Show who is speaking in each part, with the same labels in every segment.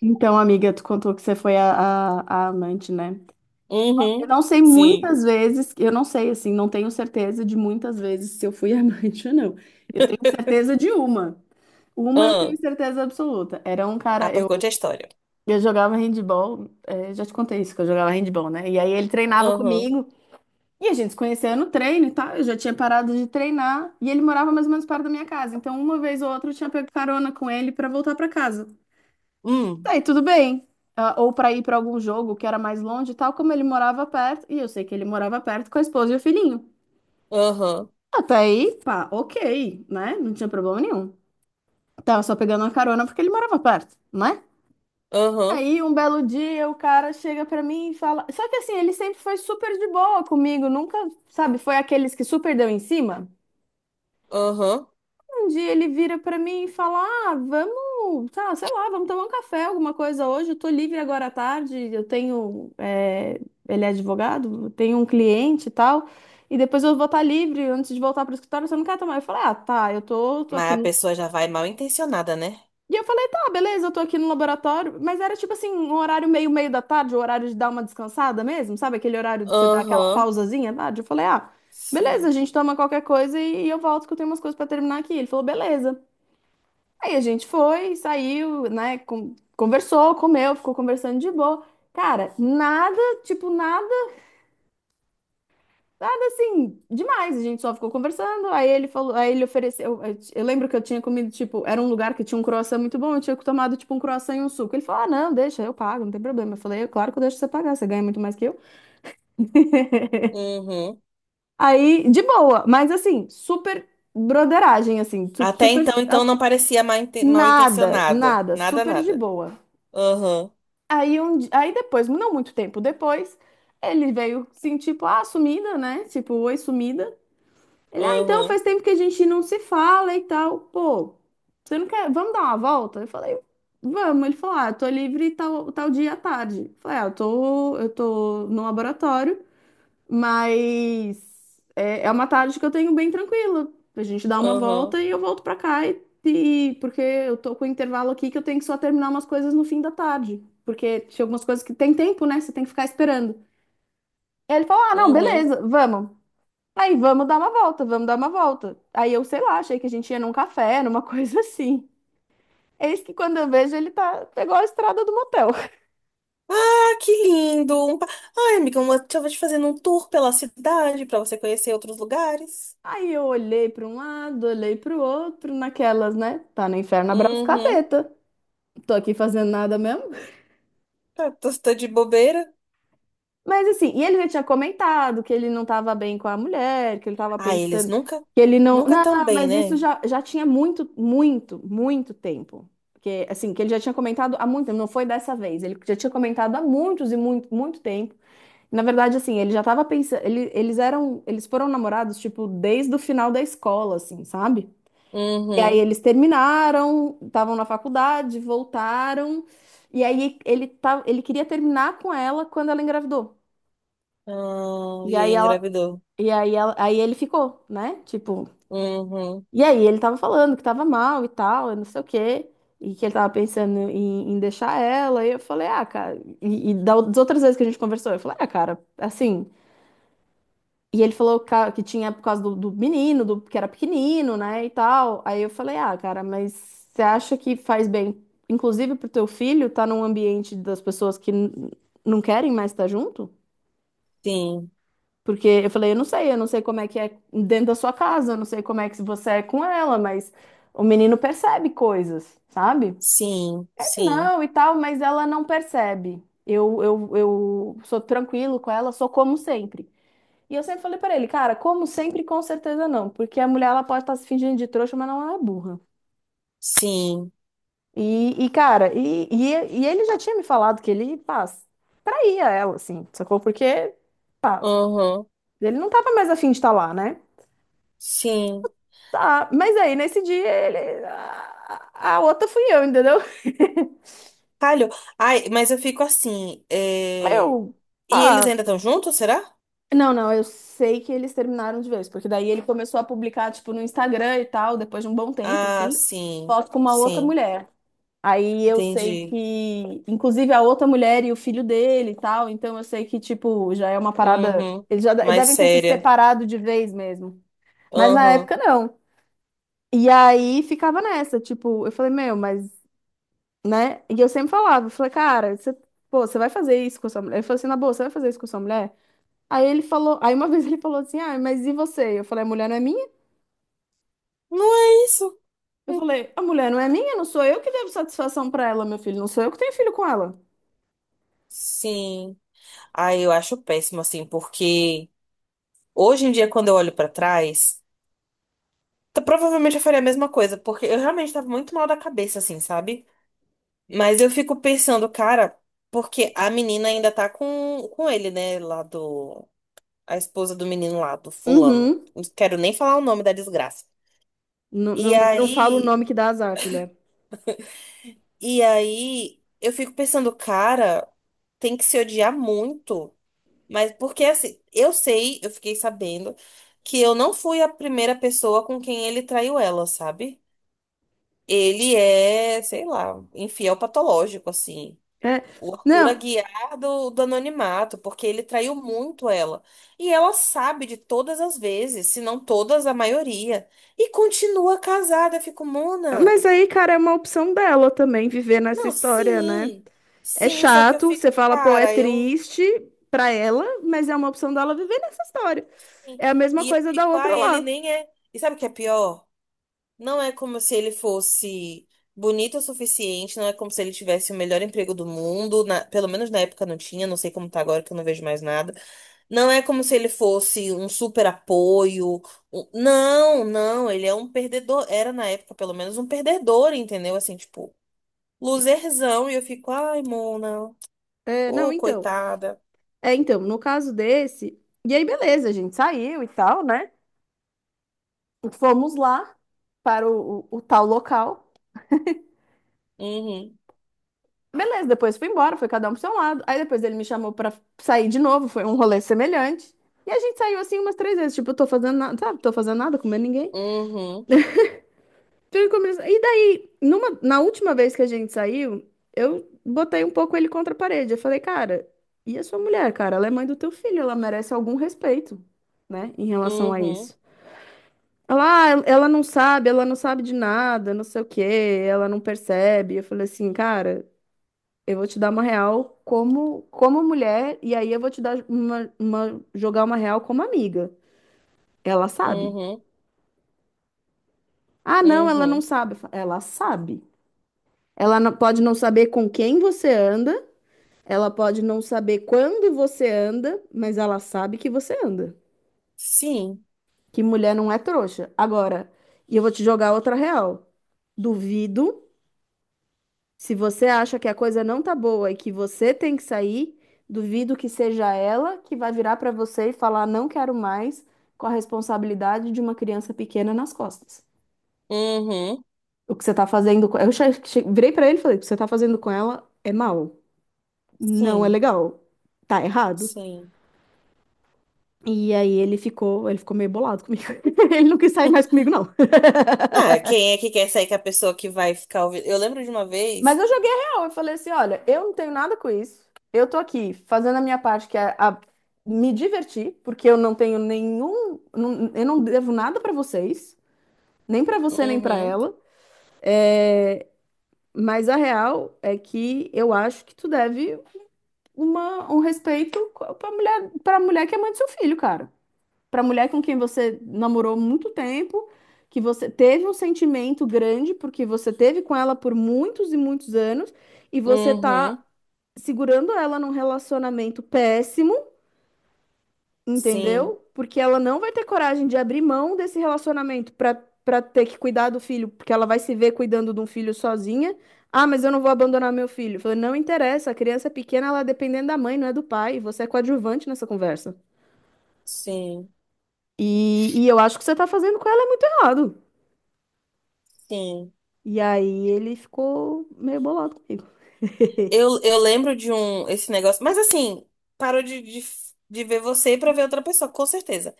Speaker 1: Então, amiga, tu contou que você foi a amante, né? Eu
Speaker 2: Uhum.
Speaker 1: não sei
Speaker 2: Sim.
Speaker 1: muitas vezes, eu não sei, assim, não tenho certeza de muitas vezes se eu fui amante ou não. Eu tenho certeza de uma. Uma eu tenho
Speaker 2: Ah,
Speaker 1: certeza absoluta. Era um cara,
Speaker 2: pois
Speaker 1: eu,
Speaker 2: conte a história.
Speaker 1: eu jogava handball, é, já te contei isso, que eu jogava handball, né? E aí ele treinava
Speaker 2: Aham.
Speaker 1: comigo, e a gente se conhecia no treino e tal, eu já tinha parado de treinar, e ele morava mais ou menos perto da minha casa. Então, uma vez ou outra eu tinha pego carona com ele pra voltar pra casa.
Speaker 2: Hum.
Speaker 1: Tá, e tudo bem. Ah, ou para ir para algum jogo que era mais longe, e tal como ele morava perto, e eu sei que ele morava perto com a esposa e o filhinho.
Speaker 2: Aham.
Speaker 1: Até aí, pá, ok, né? Não tinha problema nenhum. Tava só pegando uma carona porque ele morava perto, né?
Speaker 2: Aham.
Speaker 1: Aí um belo dia o cara chega pra mim e fala. Só que assim, ele sempre foi super de boa comigo, nunca, sabe, foi aqueles que super deu em cima.
Speaker 2: Aham.
Speaker 1: Um dia ele vira pra mim e fala: ah, vamos, tá, sei lá, vamos tomar um café, alguma coisa hoje. Eu tô livre agora à tarde. Eu Ele é advogado, eu tenho um cliente e tal. E depois eu vou estar livre antes de voltar pro escritório. Você não quer tomar? Eu falei: ah, tá, eu tô
Speaker 2: Mas
Speaker 1: aqui
Speaker 2: a
Speaker 1: no.
Speaker 2: pessoa já vai mal intencionada, né?
Speaker 1: E eu falei: tá, beleza, eu tô aqui no laboratório. Mas era tipo assim, um horário meio da tarde, o horário de dar uma descansada mesmo, sabe? Aquele horário de você dar aquela
Speaker 2: Aham.
Speaker 1: pausazinha à tarde. Eu falei: ah. Beleza, a
Speaker 2: Sim.
Speaker 1: gente toma qualquer coisa e eu volto que eu tenho umas coisas pra terminar aqui. Ele falou, beleza. Aí a gente foi, saiu, né? Conversou, comeu, ficou conversando de boa. Cara, nada, tipo, nada, nada assim, demais. A gente só ficou conversando. Aí ele falou, aí ele ofereceu. Eu lembro que eu tinha comido, tipo, era um lugar que tinha um croissant muito bom. Eu tinha tomado, tipo, um croissant e um suco. Ele falou: ah, não, deixa, eu pago, não tem problema. Eu falei: "É claro que eu deixo você pagar, você ganha muito mais que eu."
Speaker 2: Uhum.
Speaker 1: Aí, de boa, mas assim, super broderagem, assim,
Speaker 2: Até então, não parecia mal, mal
Speaker 1: Nada,
Speaker 2: intencionada.
Speaker 1: nada,
Speaker 2: Nada,
Speaker 1: super de
Speaker 2: nada.
Speaker 1: boa.
Speaker 2: Aham.
Speaker 1: Aí, aí depois, não muito tempo depois, ele veio assim, tipo, ah, sumida, né? Tipo, oi, sumida. Ele, ah, então
Speaker 2: Aham.
Speaker 1: faz tempo que a gente não se fala e tal. Pô, você não quer, vamos dar uma volta? Eu falei, vamos. Ele falou, ah, eu tô livre tal, tal dia à tarde. Eu falei, ah, eu tô no laboratório. Mas é uma tarde que eu tenho bem tranquila. A gente dá uma
Speaker 2: Aham.
Speaker 1: volta e eu volto pra cá porque eu tô com um intervalo aqui que eu tenho que só terminar umas coisas no fim da tarde, porque tinha algumas coisas que tem tempo, né? Você tem que ficar esperando. Aí ele falou: "Ah, não,
Speaker 2: Uhum.
Speaker 1: beleza, vamos." Aí vamos dar uma volta, vamos dar uma volta. Aí eu, sei lá, achei que a gente ia num café, numa coisa assim. Eis que quando eu vejo ele tá pegou a estrada do motel.
Speaker 2: Ah, que lindo! Ai, amiga, uma... deixa eu te fazendo um tour pela cidade pra você conhecer outros lugares.
Speaker 1: Aí eu olhei para um lado, olhei para o outro, naquelas, né? Tá no inferno, abraço
Speaker 2: Uhum.
Speaker 1: capeta. Tô aqui fazendo nada mesmo.
Speaker 2: Tá, tô de bobeira.
Speaker 1: Mas assim, e ele já tinha comentado que ele não tava bem com a mulher, que ele tava
Speaker 2: Ah, eles
Speaker 1: pensando
Speaker 2: nunca,
Speaker 1: que ele não.
Speaker 2: nunca tão
Speaker 1: Não,
Speaker 2: bem,
Speaker 1: mas isso
Speaker 2: né?
Speaker 1: já tinha muito, muito, muito tempo. Que, assim, que ele já tinha comentado há muito tempo, não foi dessa vez. Ele já tinha comentado há muitos e muito, muito tempo. Na verdade, assim, ele já tava pensando. Eles eram. Eles foram namorados, tipo, desde o final da escola, assim, sabe? E aí
Speaker 2: Uhum.
Speaker 1: eles terminaram, estavam na faculdade, voltaram. E aí ele tá, ele queria terminar com ela quando ela engravidou.
Speaker 2: Ah,
Speaker 1: E
Speaker 2: e aí
Speaker 1: aí ela,
Speaker 2: engravidou.
Speaker 1: Aí ele ficou, né? Tipo,
Speaker 2: Uhum.
Speaker 1: e aí ele tava falando que tava mal e tal, e não sei o quê, e que ele tava pensando em, em deixar ela. E eu falei: "Ah, cara, e das outras vezes que a gente conversou," eu falei: "Ah, cara, assim." E ele que tinha por causa do menino, do, que era pequenino, né, e tal. Aí eu falei, ah, cara, mas você acha que faz bem, inclusive pro teu filho, estar num ambiente das pessoas que não querem mais estar junto?
Speaker 2: Sim,
Speaker 1: Porque eu falei, eu não sei como é que é dentro da sua casa, eu não sei como é que você é com ela, mas o menino percebe coisas, sabe?
Speaker 2: sim,
Speaker 1: Ele
Speaker 2: sim,
Speaker 1: não e tal, mas ela não percebe. Eu sou tranquilo com ela, sou como sempre. E eu sempre falei pra ele, cara, como sempre, com certeza não, porque a mulher ela pode estar se fingindo de trouxa, mas não é burra.
Speaker 2: sim.
Speaker 1: E, cara, ele já tinha me falado que ele, pá, saía ela, assim, sacou? Porque, pá,
Speaker 2: Uhum.
Speaker 1: ele não tava mais afim de estar lá, né?
Speaker 2: Sim.
Speaker 1: Tá, mas aí nesse dia ele. A outra fui eu, entendeu?
Speaker 2: Calho. Ai, mas eu fico assim.
Speaker 1: Eu,
Speaker 2: E eles
Speaker 1: pá.
Speaker 2: ainda estão juntos, será?
Speaker 1: Não, não, eu sei que eles terminaram de vez, porque daí ele começou a publicar, tipo, no Instagram e tal, depois de um bom tempo,
Speaker 2: Ah,
Speaker 1: assim,
Speaker 2: sim,
Speaker 1: foto com uma outra
Speaker 2: sim.
Speaker 1: mulher. Aí eu sei
Speaker 2: Entendi.
Speaker 1: que, inclusive, a outra mulher e o filho dele e tal, então eu sei que, tipo, já é uma parada.
Speaker 2: Uhum.
Speaker 1: Eles já
Speaker 2: Mais
Speaker 1: devem ter se
Speaker 2: séria.
Speaker 1: separado de vez mesmo. Mas na
Speaker 2: Uhum.
Speaker 1: época não. E aí ficava nessa, tipo, eu falei, meu, mas, né? E eu sempre falava, eu falei, cara, você, pô, você vai fazer isso com a sua mulher? Ele falou assim, na boa, você vai fazer isso com a sua mulher? Aí ele falou, aí uma vez ele falou assim, ah, mas e você? Eu falei, a mulher não é minha?
Speaker 2: Não é isso?
Speaker 1: Eu
Speaker 2: Hum,
Speaker 1: falei, a mulher não é minha, não sou eu que devo satisfação pra ela, meu filho, não sou eu que tenho filho com ela.
Speaker 2: sim. Ai, eu acho péssimo, assim, porque hoje em dia, quando eu olho pra trás. Provavelmente eu faria a mesma coisa, porque eu realmente tava muito mal da cabeça, assim, sabe? Mas eu fico pensando, cara, porque a menina ainda tá com ele, né? Lá do. A esposa do menino lá, do fulano.
Speaker 1: Uhum.
Speaker 2: Não quero nem falar o nome da desgraça.
Speaker 1: Não,
Speaker 2: E
Speaker 1: não, não fala o
Speaker 2: aí.
Speaker 1: nome que dá azar, filha.
Speaker 2: E aí. Eu fico pensando, cara, tem que se odiar muito. Mas porque, assim, eu sei, eu fiquei sabendo que eu não fui a primeira pessoa com quem ele traiu ela, sabe? Ele é, sei lá, infiel patológico, assim.
Speaker 1: É,
Speaker 2: O Arthur
Speaker 1: não,
Speaker 2: Aguiar do anonimato, porque ele traiu muito ela. E ela sabe de todas as vezes, se não todas, a maioria. E continua casada. Eu fico, Mona.
Speaker 1: mas aí, cara, é uma opção dela também viver nessa
Speaker 2: Não,
Speaker 1: história, né?
Speaker 2: sim.
Speaker 1: É
Speaker 2: Sim, só que eu
Speaker 1: chato, você
Speaker 2: fico,
Speaker 1: fala, pô, é
Speaker 2: cara, eu.
Speaker 1: triste pra ela, mas é uma opção dela viver nessa história. É a mesma
Speaker 2: E eu
Speaker 1: coisa da
Speaker 2: fico,
Speaker 1: outra
Speaker 2: ai, ele
Speaker 1: lá.
Speaker 2: nem é. E sabe o que é pior? Não é como se ele fosse bonito o suficiente, não é como se ele tivesse o melhor emprego do mundo, pelo menos na época não tinha, não sei como tá agora que eu não vejo mais nada. Não é como se ele fosse um super apoio. Não, não, ele é um perdedor, era na época pelo menos um perdedor, entendeu? Assim, tipo, loserzão, e eu fico, ai, Mona,
Speaker 1: É, não,
Speaker 2: ô,
Speaker 1: então.
Speaker 2: coitada.
Speaker 1: É, então, no caso desse. E aí, beleza, a gente saiu e tal, né? Fomos lá para o tal local.
Speaker 2: Uhum,
Speaker 1: Beleza, depois fui embora, foi cada um pro seu lado. Aí depois ele me chamou pra sair de novo, foi um rolê semelhante. E a gente saiu assim umas três vezes, tipo, eu tô fazendo nada, sabe? Tô fazendo nada, comendo ninguém.
Speaker 2: uhum,
Speaker 1: E daí, numa, na última vez que a gente saiu, eu botei um pouco ele contra a parede. Eu falei, cara, e a sua mulher, cara? Ela é mãe do teu filho, ela merece algum respeito, né? Em relação a
Speaker 2: uhum,
Speaker 1: isso. Ela, "ah, ela não sabe de nada, não sei o quê, ela não percebe." Eu falei assim, cara. Eu vou te dar uma real como, como mulher, e aí eu vou te dar jogar uma real como amiga. Ela sabe.
Speaker 2: uhum,
Speaker 1: Ah, não, ela não
Speaker 2: uhum.
Speaker 1: sabe. Eu falo, ela sabe. Ela não- Pode não saber com quem você anda, ela pode não saber quando você anda, mas ela sabe que você anda.
Speaker 2: Sim,
Speaker 1: Que mulher não é trouxa. Agora, e eu vou te jogar outra real. Duvido. Se você acha que a coisa não tá boa e que você tem que sair, duvido que seja ela que vai virar pra você e falar não quero mais com a responsabilidade de uma criança pequena nas costas.
Speaker 2: uhum,
Speaker 1: O que você tá fazendo com... Virei pra ele e falei, o que você tá fazendo com ela é mal, não é
Speaker 2: sim,
Speaker 1: legal, tá errado.
Speaker 2: sim.
Speaker 1: E aí ele ficou meio bolado comigo. Ele não quis sair mais comigo, não.
Speaker 2: Ah, quem é que quer sair com a pessoa que vai ficar ouvindo? Eu lembro de uma
Speaker 1: Mas
Speaker 2: vez.
Speaker 1: eu joguei real. Eu falei assim: olha, eu não tenho nada com isso. Eu tô aqui fazendo a minha parte, que é me divertir, porque eu não tenho nenhum. Eu não devo nada pra vocês, nem pra você, nem pra
Speaker 2: Uhum,
Speaker 1: ela. Mas a real é que eu acho que tu deve uma, um respeito pra mulher que é mãe do seu filho, cara. Pra mulher com quem você namorou muito tempo, que você teve um sentimento grande, porque você teve com ela por muitos e muitos anos, e você tá
Speaker 2: uhum,
Speaker 1: segurando ela num relacionamento péssimo,
Speaker 2: sim,
Speaker 1: entendeu? Porque ela não vai ter coragem de abrir mão desse relacionamento pra para ter que cuidar do filho, porque ela vai se ver cuidando de um filho sozinha. Ah, mas eu não vou abandonar meu filho. Eu falei, não interessa, a criança é pequena, ela é dependendo da mãe, não é do pai. Você é coadjuvante nessa conversa.
Speaker 2: sim,
Speaker 1: E eu acho que você tá fazendo com ela é muito errado.
Speaker 2: sim.
Speaker 1: E aí ele ficou meio bolado comigo.
Speaker 2: Eu lembro de um, esse negócio. Mas assim, parou de ver você pra ver outra pessoa, com certeza.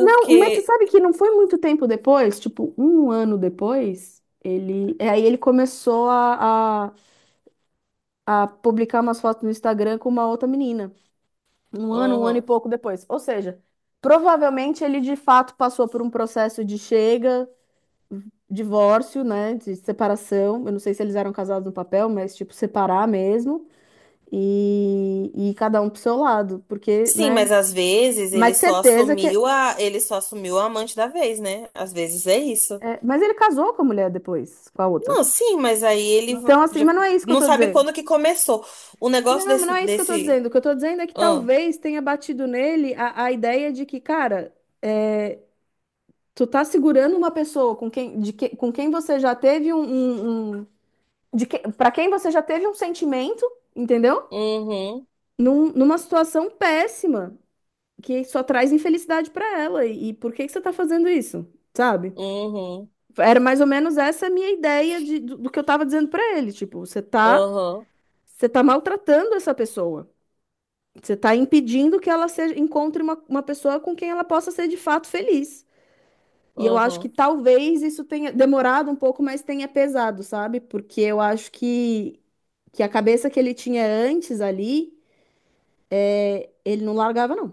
Speaker 1: Não, mas você sabe que não foi muito tempo depois, tipo, um ano depois, Aí ele começou a publicar umas fotos no Instagram com uma outra menina. Um ano e
Speaker 2: Uhum.
Speaker 1: pouco depois. Ou seja, provavelmente ele de fato passou por um processo de chega, divórcio, né? De separação. Eu não sei se eles eram casados no papel, mas tipo, separar mesmo. E cada um pro seu lado, porque,
Speaker 2: Sim, mas
Speaker 1: né?
Speaker 2: às vezes ele
Speaker 1: Mas
Speaker 2: só
Speaker 1: certeza que.
Speaker 2: assumiu a, ele só assumiu a amante da vez, né? Às vezes é isso.
Speaker 1: É, mas ele casou com a mulher depois, com a outra.
Speaker 2: Não, sim, mas aí
Speaker 1: Então, assim,
Speaker 2: já
Speaker 1: mas não é isso que eu
Speaker 2: não
Speaker 1: tô
Speaker 2: sabe
Speaker 1: dizendo.
Speaker 2: quando que começou. O negócio
Speaker 1: Não, mas não
Speaker 2: desse,
Speaker 1: é isso que eu tô
Speaker 2: desse,
Speaker 1: dizendo. O que eu tô dizendo é que
Speaker 2: ah,
Speaker 1: talvez tenha batido nele a ideia de que, cara, é, tu tá segurando uma pessoa com quem você já teve para quem você já teve um sentimento, entendeu?
Speaker 2: uhum.
Speaker 1: Numa situação péssima, que só traz infelicidade pra ela. E por que que você tá fazendo isso? Sabe?
Speaker 2: Uhum,
Speaker 1: Era mais ou menos essa a minha ideia do que eu tava dizendo pra ele. Tipo,
Speaker 2: uhum,
Speaker 1: você tá maltratando essa pessoa. Você está impedindo que ela seja- encontre uma pessoa com quem ela possa ser de fato feliz. E eu acho que
Speaker 2: uhum.
Speaker 1: talvez isso tenha demorado um pouco, mas tenha pesado, sabe? Porque eu acho que a cabeça que ele tinha antes ali, ele não largava, não.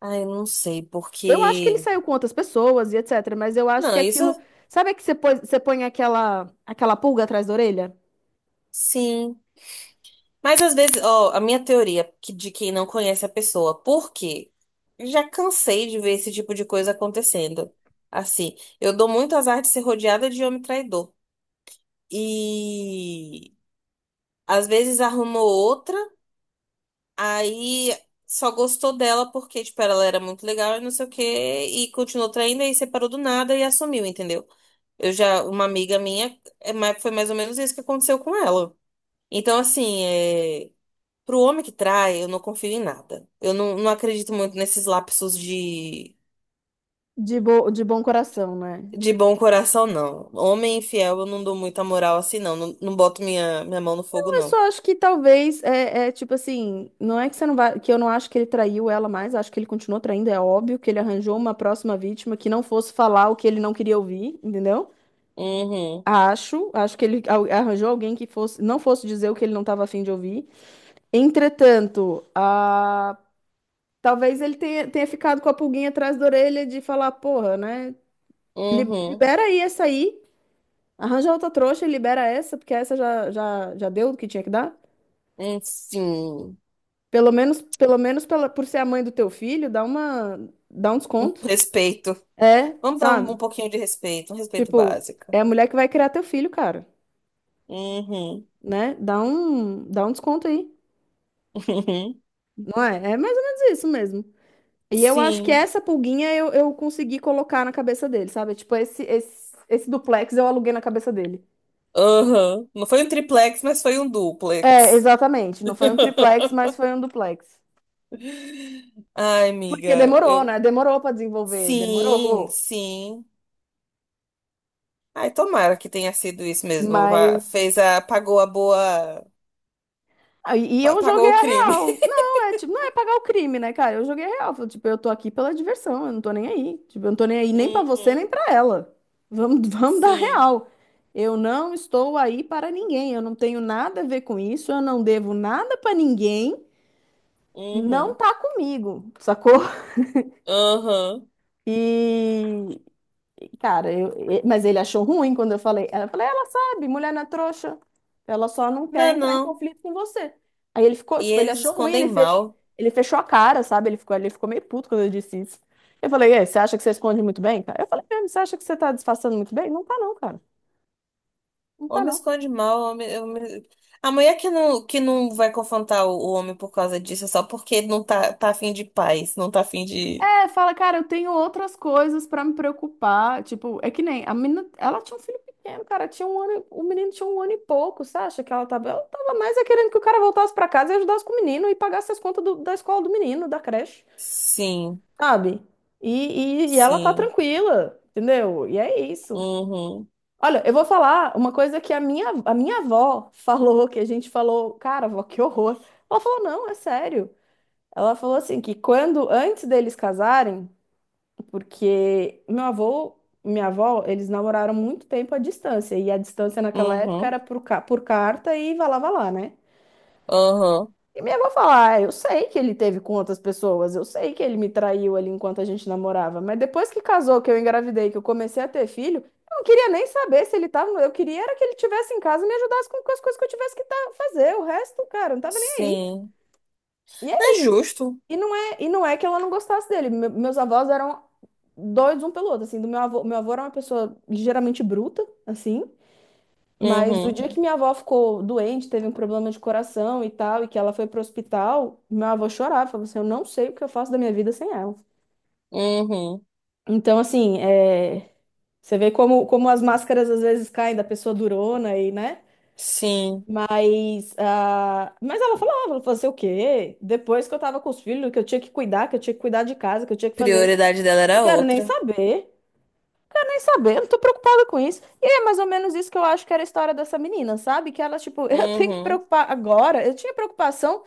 Speaker 2: Ai, não sei,
Speaker 1: Eu acho que ele
Speaker 2: porque.
Speaker 1: saiu com outras pessoas e etc. Mas eu acho
Speaker 2: Não,
Speaker 1: que
Speaker 2: isso
Speaker 1: aquilo. Sabe que você põe aquela pulga atrás da orelha?
Speaker 2: sim. Mas às vezes, ó, a minha de quem não conhece a pessoa, por quê? Já cansei de ver esse tipo de coisa acontecendo. Assim, eu dou muito azar de ser rodeada de homem traidor. E às vezes arrumou outra, aí só gostou dela porque, tipo, ela era muito legal e não sei o quê, e continuou traindo, aí separou do nada e assumiu, entendeu? Eu já, uma amiga minha, é, mas foi mais ou menos isso que aconteceu com ela. Então, assim, é, pro homem que trai, eu não confio em nada. Eu não, não acredito muito nesses lapsos
Speaker 1: De bom coração, né?
Speaker 2: de bom coração, não. Homem infiel, eu não dou muita moral assim, não. Não, não boto minha mão no fogo,
Speaker 1: Eu
Speaker 2: não.
Speaker 1: só acho que talvez tipo assim, não é que você não vai, que eu não acho que ele traiu ela mais, acho que ele continuou traindo, é óbvio que ele arranjou uma próxima vítima que não fosse falar o que ele não queria ouvir, entendeu?
Speaker 2: Uhum,
Speaker 1: Acho que arranjou alguém que fosse, não fosse dizer o que ele não estava afim de ouvir. Entretanto, talvez tenha ficado com a pulguinha atrás da orelha de falar, porra, né?
Speaker 2: uhum,
Speaker 1: Libera aí essa aí, arranja outra trouxa e libera essa, porque essa já deu o que tinha que dar.
Speaker 2: sim.
Speaker 1: Pelo menos por ser a mãe do teu filho, dá um
Speaker 2: Um
Speaker 1: desconto.
Speaker 2: respeito.
Speaker 1: É,
Speaker 2: Vamos dar um, um
Speaker 1: sabe?
Speaker 2: pouquinho de respeito, um respeito
Speaker 1: Tipo, é
Speaker 2: básico.
Speaker 1: a mulher que vai criar teu filho, cara,
Speaker 2: Uhum,
Speaker 1: né? Dá um desconto aí,
Speaker 2: uhum,
Speaker 1: não é? É mais ou menos isso mesmo. E eu acho que
Speaker 2: sim.
Speaker 1: essa pulguinha eu consegui colocar na cabeça dele, sabe? Tipo, esse duplex eu aluguei na cabeça dele.
Speaker 2: Aham. Não foi um triplex, mas foi um
Speaker 1: É,
Speaker 2: duplex.
Speaker 1: exatamente. Não foi um triplex, mas foi um duplex.
Speaker 2: Ai,
Speaker 1: Porque
Speaker 2: amiga,
Speaker 1: demorou,
Speaker 2: eu.
Speaker 1: né? Demorou pra desenvolver,
Speaker 2: Sim,
Speaker 1: demorou.
Speaker 2: sim. Ai, tomara que tenha sido isso mesmo.
Speaker 1: Mas
Speaker 2: Fez a. Pagou a boa.
Speaker 1: E eu
Speaker 2: Pagou
Speaker 1: joguei
Speaker 2: o
Speaker 1: a
Speaker 2: crime.
Speaker 1: real. Não, é tipo, não é pagar o crime, né, cara? Eu joguei a real. Falei, tipo, eu tô aqui pela diversão, eu não tô nem aí. Tipo, eu não tô nem aí nem pra você, nem
Speaker 2: Uhum.
Speaker 1: pra ela. Vamos, vamos dar
Speaker 2: Sim.
Speaker 1: real. Eu não estou aí para ninguém. Eu não tenho nada a ver com isso. Eu não devo nada pra ninguém. Não
Speaker 2: Uhum.
Speaker 1: tá comigo, sacou?
Speaker 2: Aham.
Speaker 1: E mas ele achou ruim quando eu falei. Ela falou, ela sabe, mulher não é trouxa. Ela só não quer
Speaker 2: Não,
Speaker 1: entrar em
Speaker 2: não.
Speaker 1: conflito com você. Aí ele ficou,
Speaker 2: E
Speaker 1: tipo, ele
Speaker 2: eles
Speaker 1: achou ruim,
Speaker 2: escondem
Speaker 1: ele fech...
Speaker 2: mal.
Speaker 1: ele fechou a cara, sabe? Ele ficou meio puto quando eu disse isso. Eu falei, e, aí, você acha que você esconde muito bem, cara? Eu falei, mesmo, você acha que você tá disfarçando muito bem? Não tá não, cara. Não tá
Speaker 2: Homem
Speaker 1: não.
Speaker 2: esconde mal. A mulher que não vai confrontar o homem por causa disso é só porque não tá, tá afim de paz. Não tá afim de.
Speaker 1: É, fala, cara, eu tenho outras coisas pra me preocupar. Tipo, é que nem a menina, ela tinha um filho pequeno, cara, tinha um ano, o menino tinha um ano e pouco, você acha que ela tava mais é querendo que o cara voltasse pra casa e ajudasse com o menino e pagasse as contas da escola do menino, da creche,
Speaker 2: Sim,
Speaker 1: sabe? E ela tá
Speaker 2: sim.
Speaker 1: tranquila, entendeu? E é isso.
Speaker 2: Uhum.
Speaker 1: Olha, eu vou falar uma coisa que a minha avó falou, que a gente falou, cara, avó, que horror. Ela falou, não, é sério. Ela falou assim que quando antes deles casarem porque meu avô, minha avó, eles namoraram muito tempo à distância. E a distância naquela época
Speaker 2: Uhum.
Speaker 1: era por carta e vai lá, né?
Speaker 2: Aham.
Speaker 1: E minha avó fala: ah, eu sei que ele teve com outras pessoas, eu sei que ele me traiu ali enquanto a gente namorava. Mas depois que casou, que eu engravidei, que eu comecei a ter filho, eu não queria nem saber se ele tava. Eu queria era que ele tivesse em casa e me ajudasse com as coisas que eu tivesse fazer. O resto, cara, eu não tava nem aí.
Speaker 2: Sim.
Speaker 1: E
Speaker 2: Não é justo.
Speaker 1: E não é, e não é que ela não gostasse dele. Meus avós eram doidos um pelo outro, assim, do meu avô era uma pessoa ligeiramente bruta, assim, mas o
Speaker 2: Uhum.
Speaker 1: dia que minha avó ficou doente, teve um problema de coração e tal, e que ela foi pro hospital, meu avô chorava, falava assim, eu não sei o que eu faço da minha vida sem ela.
Speaker 2: Uhum.
Speaker 1: Então, assim, é, você vê como, como as máscaras às vezes caem da pessoa durona aí né?
Speaker 2: Sim.
Speaker 1: Mas, ah, ela falou, fazer o quê? Depois que eu tava com os filhos, que eu tinha que cuidar, que eu tinha que cuidar de casa, que eu tinha que fazer isso.
Speaker 2: Prioridade dela
Speaker 1: Não
Speaker 2: era
Speaker 1: quero nem
Speaker 2: outra.
Speaker 1: saber. Quero nem saber, eu não tô preocupada com isso. E é mais ou menos isso que eu acho que era a história dessa menina, sabe? Que ela, tipo, eu tenho que
Speaker 2: Uhum.
Speaker 1: preocupar agora. Eu tinha preocupação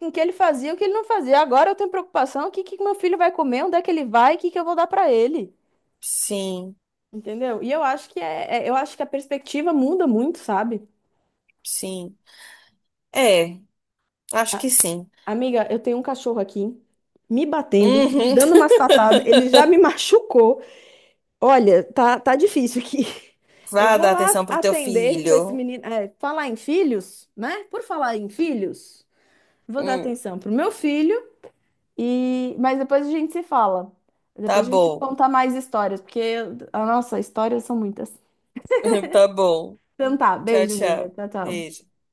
Speaker 1: com o que ele fazia, o que ele não fazia. Agora eu tenho preocupação, o que que meu filho vai comer, onde é que ele vai, o que que eu vou dar pra ele.
Speaker 2: Sim.
Speaker 1: Entendeu? E eu acho que eu acho que a perspectiva muda muito, sabe?
Speaker 2: Sim. É, acho
Speaker 1: A-
Speaker 2: que sim.
Speaker 1: Amiga, eu tenho um cachorro aqui me batendo, me
Speaker 2: Uhum.
Speaker 1: dando umas patadas, ele já me machucou. Olha, tá difícil aqui. Eu
Speaker 2: Vá
Speaker 1: vou
Speaker 2: dar
Speaker 1: lá
Speaker 2: atenção pro teu
Speaker 1: atender para esse
Speaker 2: filho.
Speaker 1: menino. É, falar em filhos, né? Por falar em filhos, vou dar
Speaker 2: Hum,
Speaker 1: atenção pro meu filho e mas depois a gente se fala.
Speaker 2: tá
Speaker 1: Depois a gente
Speaker 2: bom.
Speaker 1: conta mais histórias, a nossa, histórias são muitas.
Speaker 2: Tá bom.
Speaker 1: Então tá,
Speaker 2: Tchau,
Speaker 1: beijo, amiga.
Speaker 2: tchau.
Speaker 1: Tchau, tchau.
Speaker 2: Beijo.